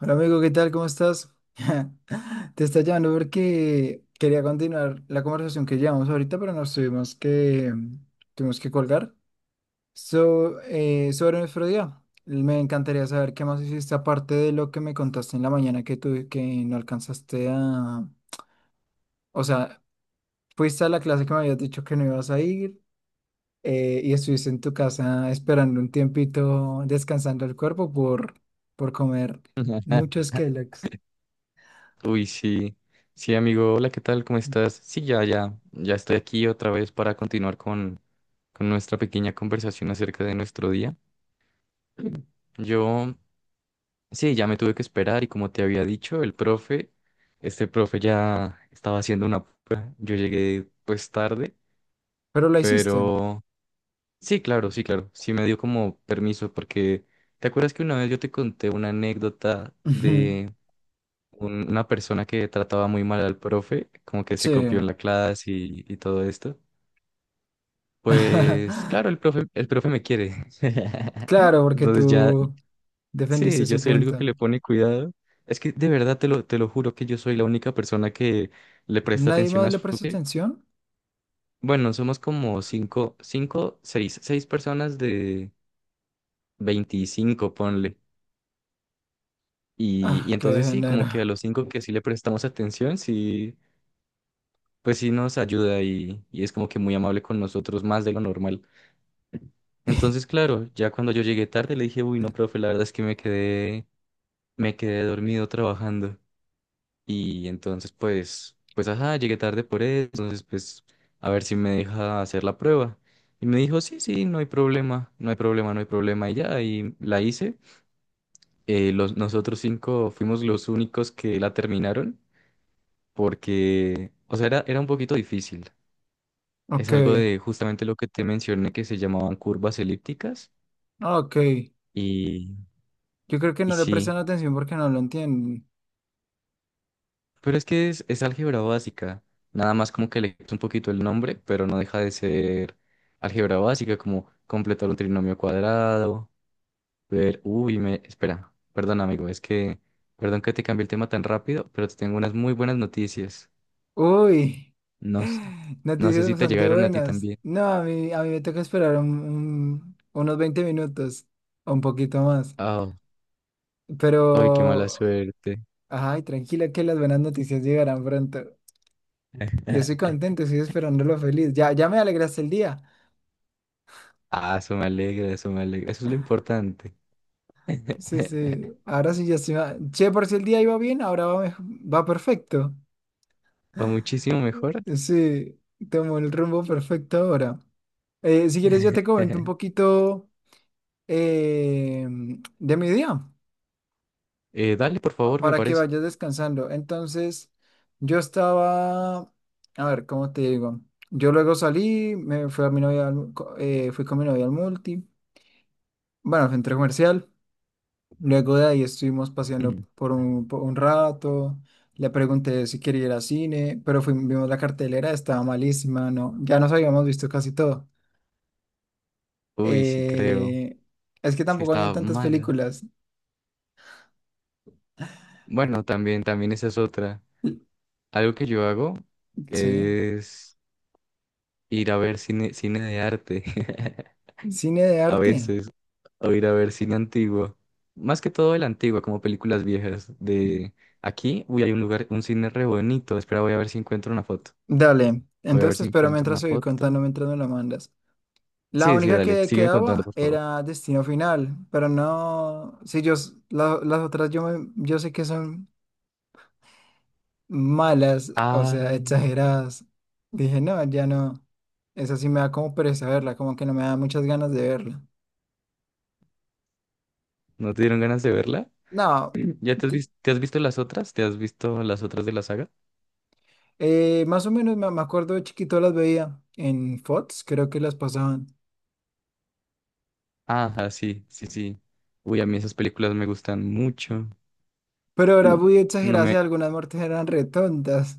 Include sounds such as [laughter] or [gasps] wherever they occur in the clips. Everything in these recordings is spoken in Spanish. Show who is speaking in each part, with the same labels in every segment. Speaker 1: Hola amigo, ¿qué tal? ¿Cómo estás? [laughs] Te está llamando porque quería continuar la conversación que llevamos ahorita, pero tuvimos que colgar. So, sobre nuestro día, me encantaría saber qué más hiciste aparte de lo que me contaste en la mañana que no alcanzaste a. O sea, fuiste a la clase que me habías dicho que no ibas a ir, y estuviste en tu casa esperando un tiempito, descansando el cuerpo por comer muchos
Speaker 2: [laughs]
Speaker 1: Kellogg's.
Speaker 2: Uy, sí. Sí, amigo. Hola, ¿qué tal? ¿Cómo estás? Sí, ya, ya. Ya estoy aquí otra vez para continuar con nuestra pequeña conversación acerca de nuestro día. [clears throat] Yo, sí, ya me tuve que esperar y como te había dicho, este profe ya estaba haciendo una prueba. Yo llegué pues tarde,
Speaker 1: Pero la hiciste.
Speaker 2: pero sí, claro, sí, claro. Sí me dio como permiso porque ¿te acuerdas que una vez yo te conté una anécdota
Speaker 1: Ujú.
Speaker 2: de una persona que trataba muy mal al profe, como que
Speaker 1: Sí.
Speaker 2: se copió en la clase y todo esto? Pues claro,
Speaker 1: [laughs]
Speaker 2: el profe me quiere.
Speaker 1: Claro,
Speaker 2: [laughs]
Speaker 1: porque
Speaker 2: Entonces ya,
Speaker 1: tú defendiste
Speaker 2: sí, yo
Speaker 1: su
Speaker 2: soy el único
Speaker 1: punto.
Speaker 2: que le pone cuidado. Es que de verdad te lo juro que yo soy la única persona que le presta
Speaker 1: ¿Nadie
Speaker 2: atención
Speaker 1: más
Speaker 2: a
Speaker 1: le
Speaker 2: su...
Speaker 1: prestó
Speaker 2: sí.
Speaker 1: atención?
Speaker 2: Bueno, somos como cinco, cinco, seis, seis personas de 25 ponle. Y
Speaker 1: Ah, qué
Speaker 2: entonces sí,
Speaker 1: género.
Speaker 2: como que a los cinco que sí le prestamos atención, sí, pues sí nos ayuda y es como que muy amable con nosotros, más de lo normal. Entonces, claro, ya cuando yo llegué tarde le dije, uy, no, profe, la verdad es que me quedé dormido trabajando. Y entonces, pues, ajá, llegué tarde por eso, entonces, pues, a ver si me deja hacer la prueba. Y me dijo, sí, sí, no hay problema, no hay problema, no hay problema. Y ya, y la hice. Nosotros cinco fuimos los únicos que la terminaron porque, o sea, era un poquito difícil. Es
Speaker 1: Ok,
Speaker 2: algo de justamente lo que te mencioné que se llamaban curvas elípticas
Speaker 1: ok.
Speaker 2: y,
Speaker 1: Yo creo que
Speaker 2: y
Speaker 1: no le
Speaker 2: sí,
Speaker 1: prestan atención porque no lo entienden.
Speaker 2: pero es que es álgebra básica, nada más como que le quito un poquito el nombre, pero no deja de ser álgebra básica, como completar un trinomio cuadrado, ver, uy, espera, perdón amigo, es que, perdón que te cambié el tema tan rápido, pero te tengo unas muy buenas noticias,
Speaker 1: Uy.
Speaker 2: no,
Speaker 1: [laughs]
Speaker 2: no sé
Speaker 1: Noticias
Speaker 2: si te
Speaker 1: bastante
Speaker 2: llegaron a ti
Speaker 1: buenas.
Speaker 2: también.
Speaker 1: No, a mí me toca esperar unos 20 minutos o un poquito más.
Speaker 2: Ah, uy, qué mala
Speaker 1: Pero,
Speaker 2: suerte.
Speaker 1: ay, tranquila que las buenas noticias llegarán pronto. Yo estoy
Speaker 2: [laughs]
Speaker 1: contento, estoy esperándolo feliz. Ya, ya me alegraste el día.
Speaker 2: Ah, eso me alegra, eso me alegra, eso es lo importante.
Speaker 1: Sí, sí.
Speaker 2: [laughs]
Speaker 1: Ahora sí ya se va. Che, por si el día iba bien, va perfecto.
Speaker 2: Va muchísimo mejor.
Speaker 1: Sí, tomo el rumbo perfecto ahora. Si quieres, yo te comento un
Speaker 2: [laughs]
Speaker 1: poquito, eh, de mi día
Speaker 2: Dale, por favor, me
Speaker 1: para que
Speaker 2: parece.
Speaker 1: vayas descansando. Entonces, yo estaba, a ver, ¿cómo te digo? Yo luego salí, me fui a mi novia, fui con mi novia al multi, bueno, al centro comercial. Luego de ahí estuvimos paseando
Speaker 2: [laughs]
Speaker 1: por un rato, le pregunté si quería ir al cine, pero fuimos, vimos la cartelera, estaba malísima, no, ya nos habíamos visto casi todo.
Speaker 2: Uy, sí creo.
Speaker 1: Eh, es que
Speaker 2: Sí
Speaker 1: tampoco habían
Speaker 2: estaba
Speaker 1: tantas
Speaker 2: mala.
Speaker 1: películas.
Speaker 2: Bueno, también, también esa es otra.
Speaker 1: L-
Speaker 2: Algo que yo hago
Speaker 1: Sí,
Speaker 2: es ir a ver cine, cine de arte. [laughs]
Speaker 1: cine de
Speaker 2: A
Speaker 1: arte.
Speaker 2: veces. O ir a ver cine antiguo. Más que todo el antiguo, como películas viejas. De aquí, uy, hay un lugar, un cine re bonito. Espera, voy a ver si encuentro una foto.
Speaker 1: Dale,
Speaker 2: Voy a
Speaker 1: entonces
Speaker 2: ver
Speaker 1: te
Speaker 2: si
Speaker 1: espero
Speaker 2: encuentro una
Speaker 1: mientras voy
Speaker 2: foto.
Speaker 1: contando, mientras me la mandas. La
Speaker 2: Sí, sí,
Speaker 1: única
Speaker 2: dale.
Speaker 1: que
Speaker 2: Sígueme contando,
Speaker 1: quedaba
Speaker 2: por favor.
Speaker 1: era Destino Final, pero no, si yo, las otras, yo sé que son malas, o sea,
Speaker 2: Ay,
Speaker 1: exageradas. Dije, no, ya no. Esa sí me da como pereza verla, como que no me da muchas ganas de verla.
Speaker 2: ¿no te dieron ganas de verla?
Speaker 1: No,
Speaker 2: ¿Ya
Speaker 1: t-
Speaker 2: te has visto las otras? ¿Te has visto las otras de la saga?
Speaker 1: más o menos me acuerdo de chiquito las veía en Fox, creo que las pasaban.
Speaker 2: Ajá, sí, sí, sí. Uy, a mí esas películas me gustan mucho.
Speaker 1: Pero ahora
Speaker 2: Mm.
Speaker 1: voy a
Speaker 2: No
Speaker 1: exagerar si
Speaker 2: me...
Speaker 1: algunas muertes eran retontas.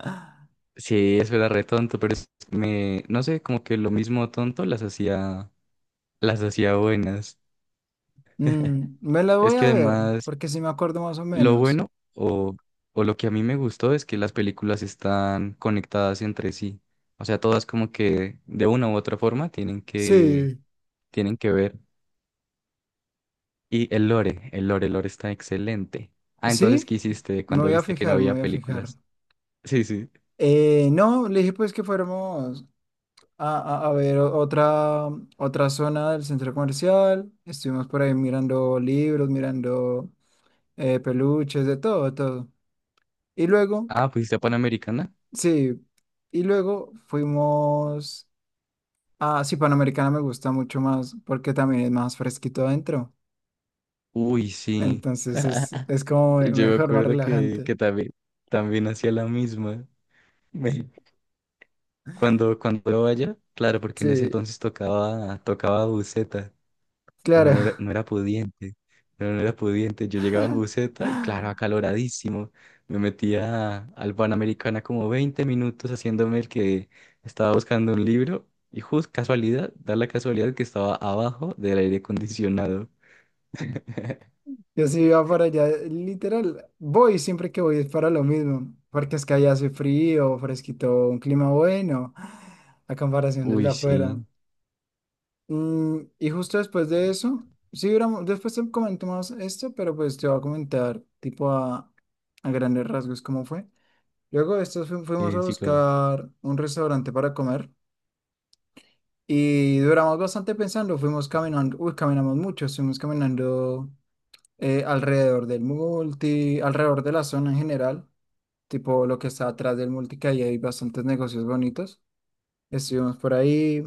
Speaker 1: [laughs]
Speaker 2: Sí, eso era re tonto, pero es- me... No sé, como que lo mismo tonto las hacía buenas. [laughs]
Speaker 1: Me las
Speaker 2: Es
Speaker 1: voy
Speaker 2: que
Speaker 1: a ver,
Speaker 2: además,
Speaker 1: porque sí me acuerdo más o
Speaker 2: lo
Speaker 1: menos.
Speaker 2: bueno o lo que a mí me gustó es que las películas están conectadas entre sí. O sea, todas como que de una u otra forma
Speaker 1: Sí.
Speaker 2: tienen que ver. Y el lore está excelente. Ah, entonces,
Speaker 1: ¿Sí?
Speaker 2: ¿qué hiciste
Speaker 1: Me
Speaker 2: cuando
Speaker 1: voy a
Speaker 2: viste que no
Speaker 1: fijar, me
Speaker 2: había
Speaker 1: voy a fijar.
Speaker 2: películas? Sí, sí.
Speaker 1: No, le dije pues que fuéramos, A, a ver, otra zona del centro comercial. Estuvimos por ahí mirando libros, mirando, peluches, de todo, de todo. Y luego,
Speaker 2: Ah, ¿fuiste a Panamericana?
Speaker 1: sí, y luego fuimos a, sí, Panamericana me gusta mucho más porque también es más fresquito adentro.
Speaker 2: Uy, sí.
Speaker 1: Entonces es como,
Speaker 2: Yo me
Speaker 1: mejor, más
Speaker 2: acuerdo que,
Speaker 1: relajante.
Speaker 2: que también, también hacía la misma. Me- cuando yo vaya, claro, porque en ese
Speaker 1: Sí,
Speaker 2: entonces tocaba buceta. Uno
Speaker 1: claro.
Speaker 2: no era pudiente, uno no era pudiente. Yo llegaba en buseta y claro,
Speaker 1: [laughs]
Speaker 2: acaloradísimo. Me metía al Panamericana como 20 minutos haciéndome el que estaba buscando un libro y justo casualidad, da la casualidad que estaba abajo del aire acondicionado. [laughs]
Speaker 1: Yo sí iba para allá, literal, voy siempre que voy es para lo mismo, porque es que allá hace frío, fresquito, un clima bueno, a comparación del de
Speaker 2: Uy,
Speaker 1: afuera.
Speaker 2: sí,
Speaker 1: Y justo después de eso, sí, después te comento más esto, pero pues te voy a comentar tipo a grandes rasgos cómo fue. Luego de esto fuimos a
Speaker 2: sí, claro.
Speaker 1: buscar un restaurante para comer y duramos bastante pensando, fuimos caminando, uy, caminamos mucho, estuvimos caminando, alrededor del multi, alrededor de la zona en general, tipo lo que está atrás del multi, que ahí hay bastantes negocios bonitos. Estuvimos por ahí,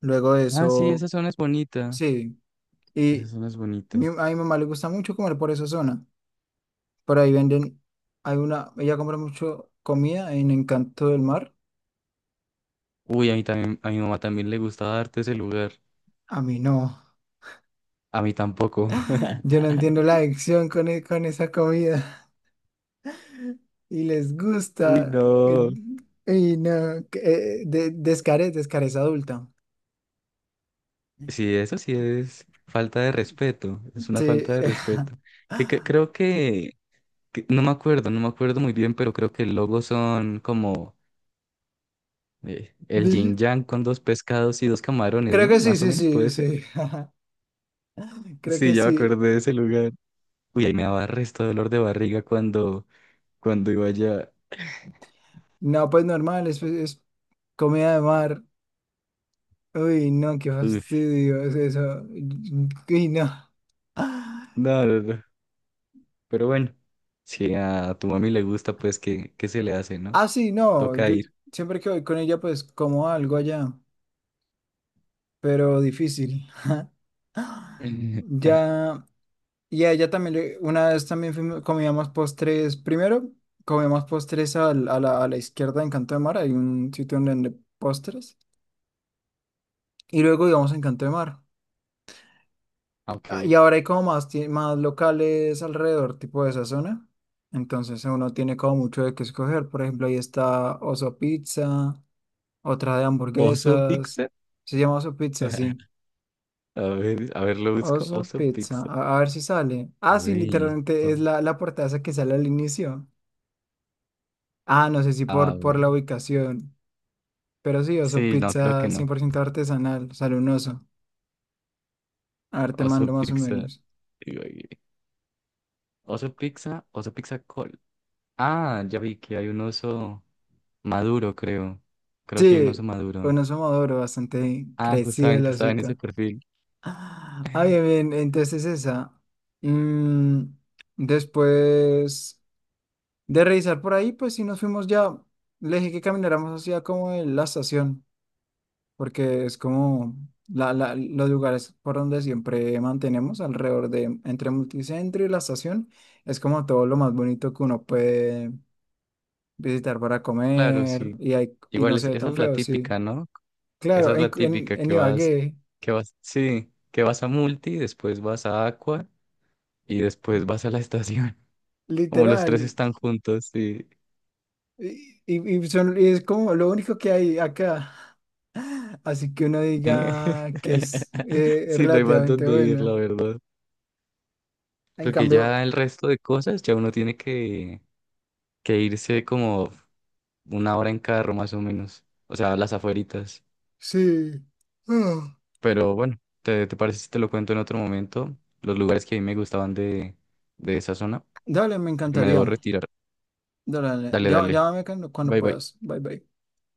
Speaker 1: luego de
Speaker 2: Ah, sí,
Speaker 1: eso,
Speaker 2: esa zona es bonita.
Speaker 1: sí,
Speaker 2: Esa
Speaker 1: y
Speaker 2: zona es bonita.
Speaker 1: a mi mamá le gusta mucho comer por esa zona. Por ahí venden, hay una, ella compra mucho comida en Encanto del Mar.
Speaker 2: Uy, a mí también, a mi mamá también le gustaba darte ese lugar.
Speaker 1: A mí no.
Speaker 2: A mí tampoco.
Speaker 1: [laughs] Yo no
Speaker 2: [laughs]
Speaker 1: entiendo la adicción con esa comida [laughs] y les
Speaker 2: Uy,
Speaker 1: gusta. eh,
Speaker 2: no.
Speaker 1: Y no, que, de, descarez adulta.
Speaker 2: Sí, eso sí es falta de respeto, es una
Speaker 1: Sí.
Speaker 2: falta de respeto. Que
Speaker 1: [laughs]
Speaker 2: creo que no me acuerdo muy bien, pero creo que el logo son como el
Speaker 1: Vi-
Speaker 2: yin yang con dos pescados y dos camarones,
Speaker 1: Creo
Speaker 2: ¿no?
Speaker 1: que sí,
Speaker 2: Más o
Speaker 1: sí,
Speaker 2: menos
Speaker 1: sí,
Speaker 2: puede ser.
Speaker 1: sí. [laughs] Creo que
Speaker 2: Sí, ya me acordé
Speaker 1: sí.
Speaker 2: de ese lugar. Uy, ahí me daba resto dolor de barriga cuando iba allá.
Speaker 1: No, pues normal, es comida de mar. Uy, no, qué
Speaker 2: Uf,
Speaker 1: fastidio es eso. Uy, no. [laughs]
Speaker 2: no, no, no. Pero bueno, si a tu mami le gusta, pues que se le hace, ¿no?
Speaker 1: Ah, sí, no.
Speaker 2: Toca
Speaker 1: Yo
Speaker 2: ir.
Speaker 1: siempre que voy con ella, pues como algo allá, pero difícil. [gasps]
Speaker 2: [laughs]
Speaker 1: Ya, y a ella también, una vez también comíamos postres. Primero, comíamos postres a la izquierda en Canto de Mar. Hay un sitio donde venden postres. Y luego íbamos a Encanto de Mar. Ah, y
Speaker 2: Ok.
Speaker 1: ahora hay como más locales alrededor, tipo de esa zona. Entonces uno tiene como mucho de qué escoger. Por ejemplo, ahí está Oso Pizza, otra de
Speaker 2: ¿Oso
Speaker 1: hamburguesas.
Speaker 2: pizza?
Speaker 1: Se llama Oso Pizza,
Speaker 2: [laughs]
Speaker 1: sí.
Speaker 2: A ver, lo busco.
Speaker 1: Oso
Speaker 2: Oso
Speaker 1: Pizza.
Speaker 2: Pizza.
Speaker 1: A ver si sale. Ah, sí,
Speaker 2: Uy.
Speaker 1: literalmente es la portada esa que sale al inicio. Ah, no sé si
Speaker 2: A
Speaker 1: por la
Speaker 2: ver.
Speaker 1: ubicación. Pero sí, Oso
Speaker 2: Sí, no, creo que
Speaker 1: Pizza cien
Speaker 2: no.
Speaker 1: por ciento artesanal. Sale un oso. A ver, te
Speaker 2: Oso
Speaker 1: mando más o
Speaker 2: Pizza.
Speaker 1: menos.
Speaker 2: Digo, Oso Pizza, Oso Pizza Col. Ah, ya vi que hay un oso maduro, creo. Creo que hay un oso
Speaker 1: Sí,
Speaker 2: maduro.
Speaker 1: bueno, somos maduro, bastante
Speaker 2: Ah,
Speaker 1: crecido el
Speaker 2: justamente estaba en ese
Speaker 1: osito.
Speaker 2: perfil.
Speaker 1: Ah, bien,
Speaker 2: [laughs]
Speaker 1: bien, entonces esa. Mm, Después de revisar por ahí, pues sí nos fuimos ya. Le dije que camináramos hacia como la estación, porque es como los lugares por donde siempre mantenemos alrededor de, entre Multicentro y la estación, es como todo lo más bonito que uno puede visitar para
Speaker 2: Claro,
Speaker 1: comer
Speaker 2: sí.
Speaker 1: y, hay, y no se ve
Speaker 2: Esa
Speaker 1: tan
Speaker 2: es la
Speaker 1: feo, sí.
Speaker 2: típica, ¿no? Esa
Speaker 1: Claro,
Speaker 2: es
Speaker 1: en,
Speaker 2: la
Speaker 1: en,
Speaker 2: típica
Speaker 1: en Ibagué,
Speaker 2: sí, que vas a Multi, después vas a Aqua y después vas a la estación. [laughs] Como los
Speaker 1: literal.
Speaker 2: tres están juntos, sí.
Speaker 1: Y, y es como lo único que hay acá. [laughs] Así que uno
Speaker 2: Eh,
Speaker 1: diga que es,
Speaker 2: [laughs] Sí, no hay más
Speaker 1: relativamente
Speaker 2: donde ir,
Speaker 1: bueno.
Speaker 2: la verdad.
Speaker 1: En
Speaker 2: Porque
Speaker 1: cambio,
Speaker 2: ya el resto de cosas, ya uno tiene que irse como una hora en carro más o menos. O sea, las afueritas.
Speaker 1: sí. Ah.
Speaker 2: Pero bueno, te parece si te lo cuento en otro momento? Los lugares que a mí me gustaban de esa zona.
Speaker 1: Dale, me
Speaker 2: Porque me
Speaker 1: encantaría.
Speaker 2: debo retirar.
Speaker 1: Dale, dale.
Speaker 2: Dale,
Speaker 1: Ya,
Speaker 2: dale.
Speaker 1: llámame cuando
Speaker 2: Bye, bye.
Speaker 1: puedas. Bye, bye.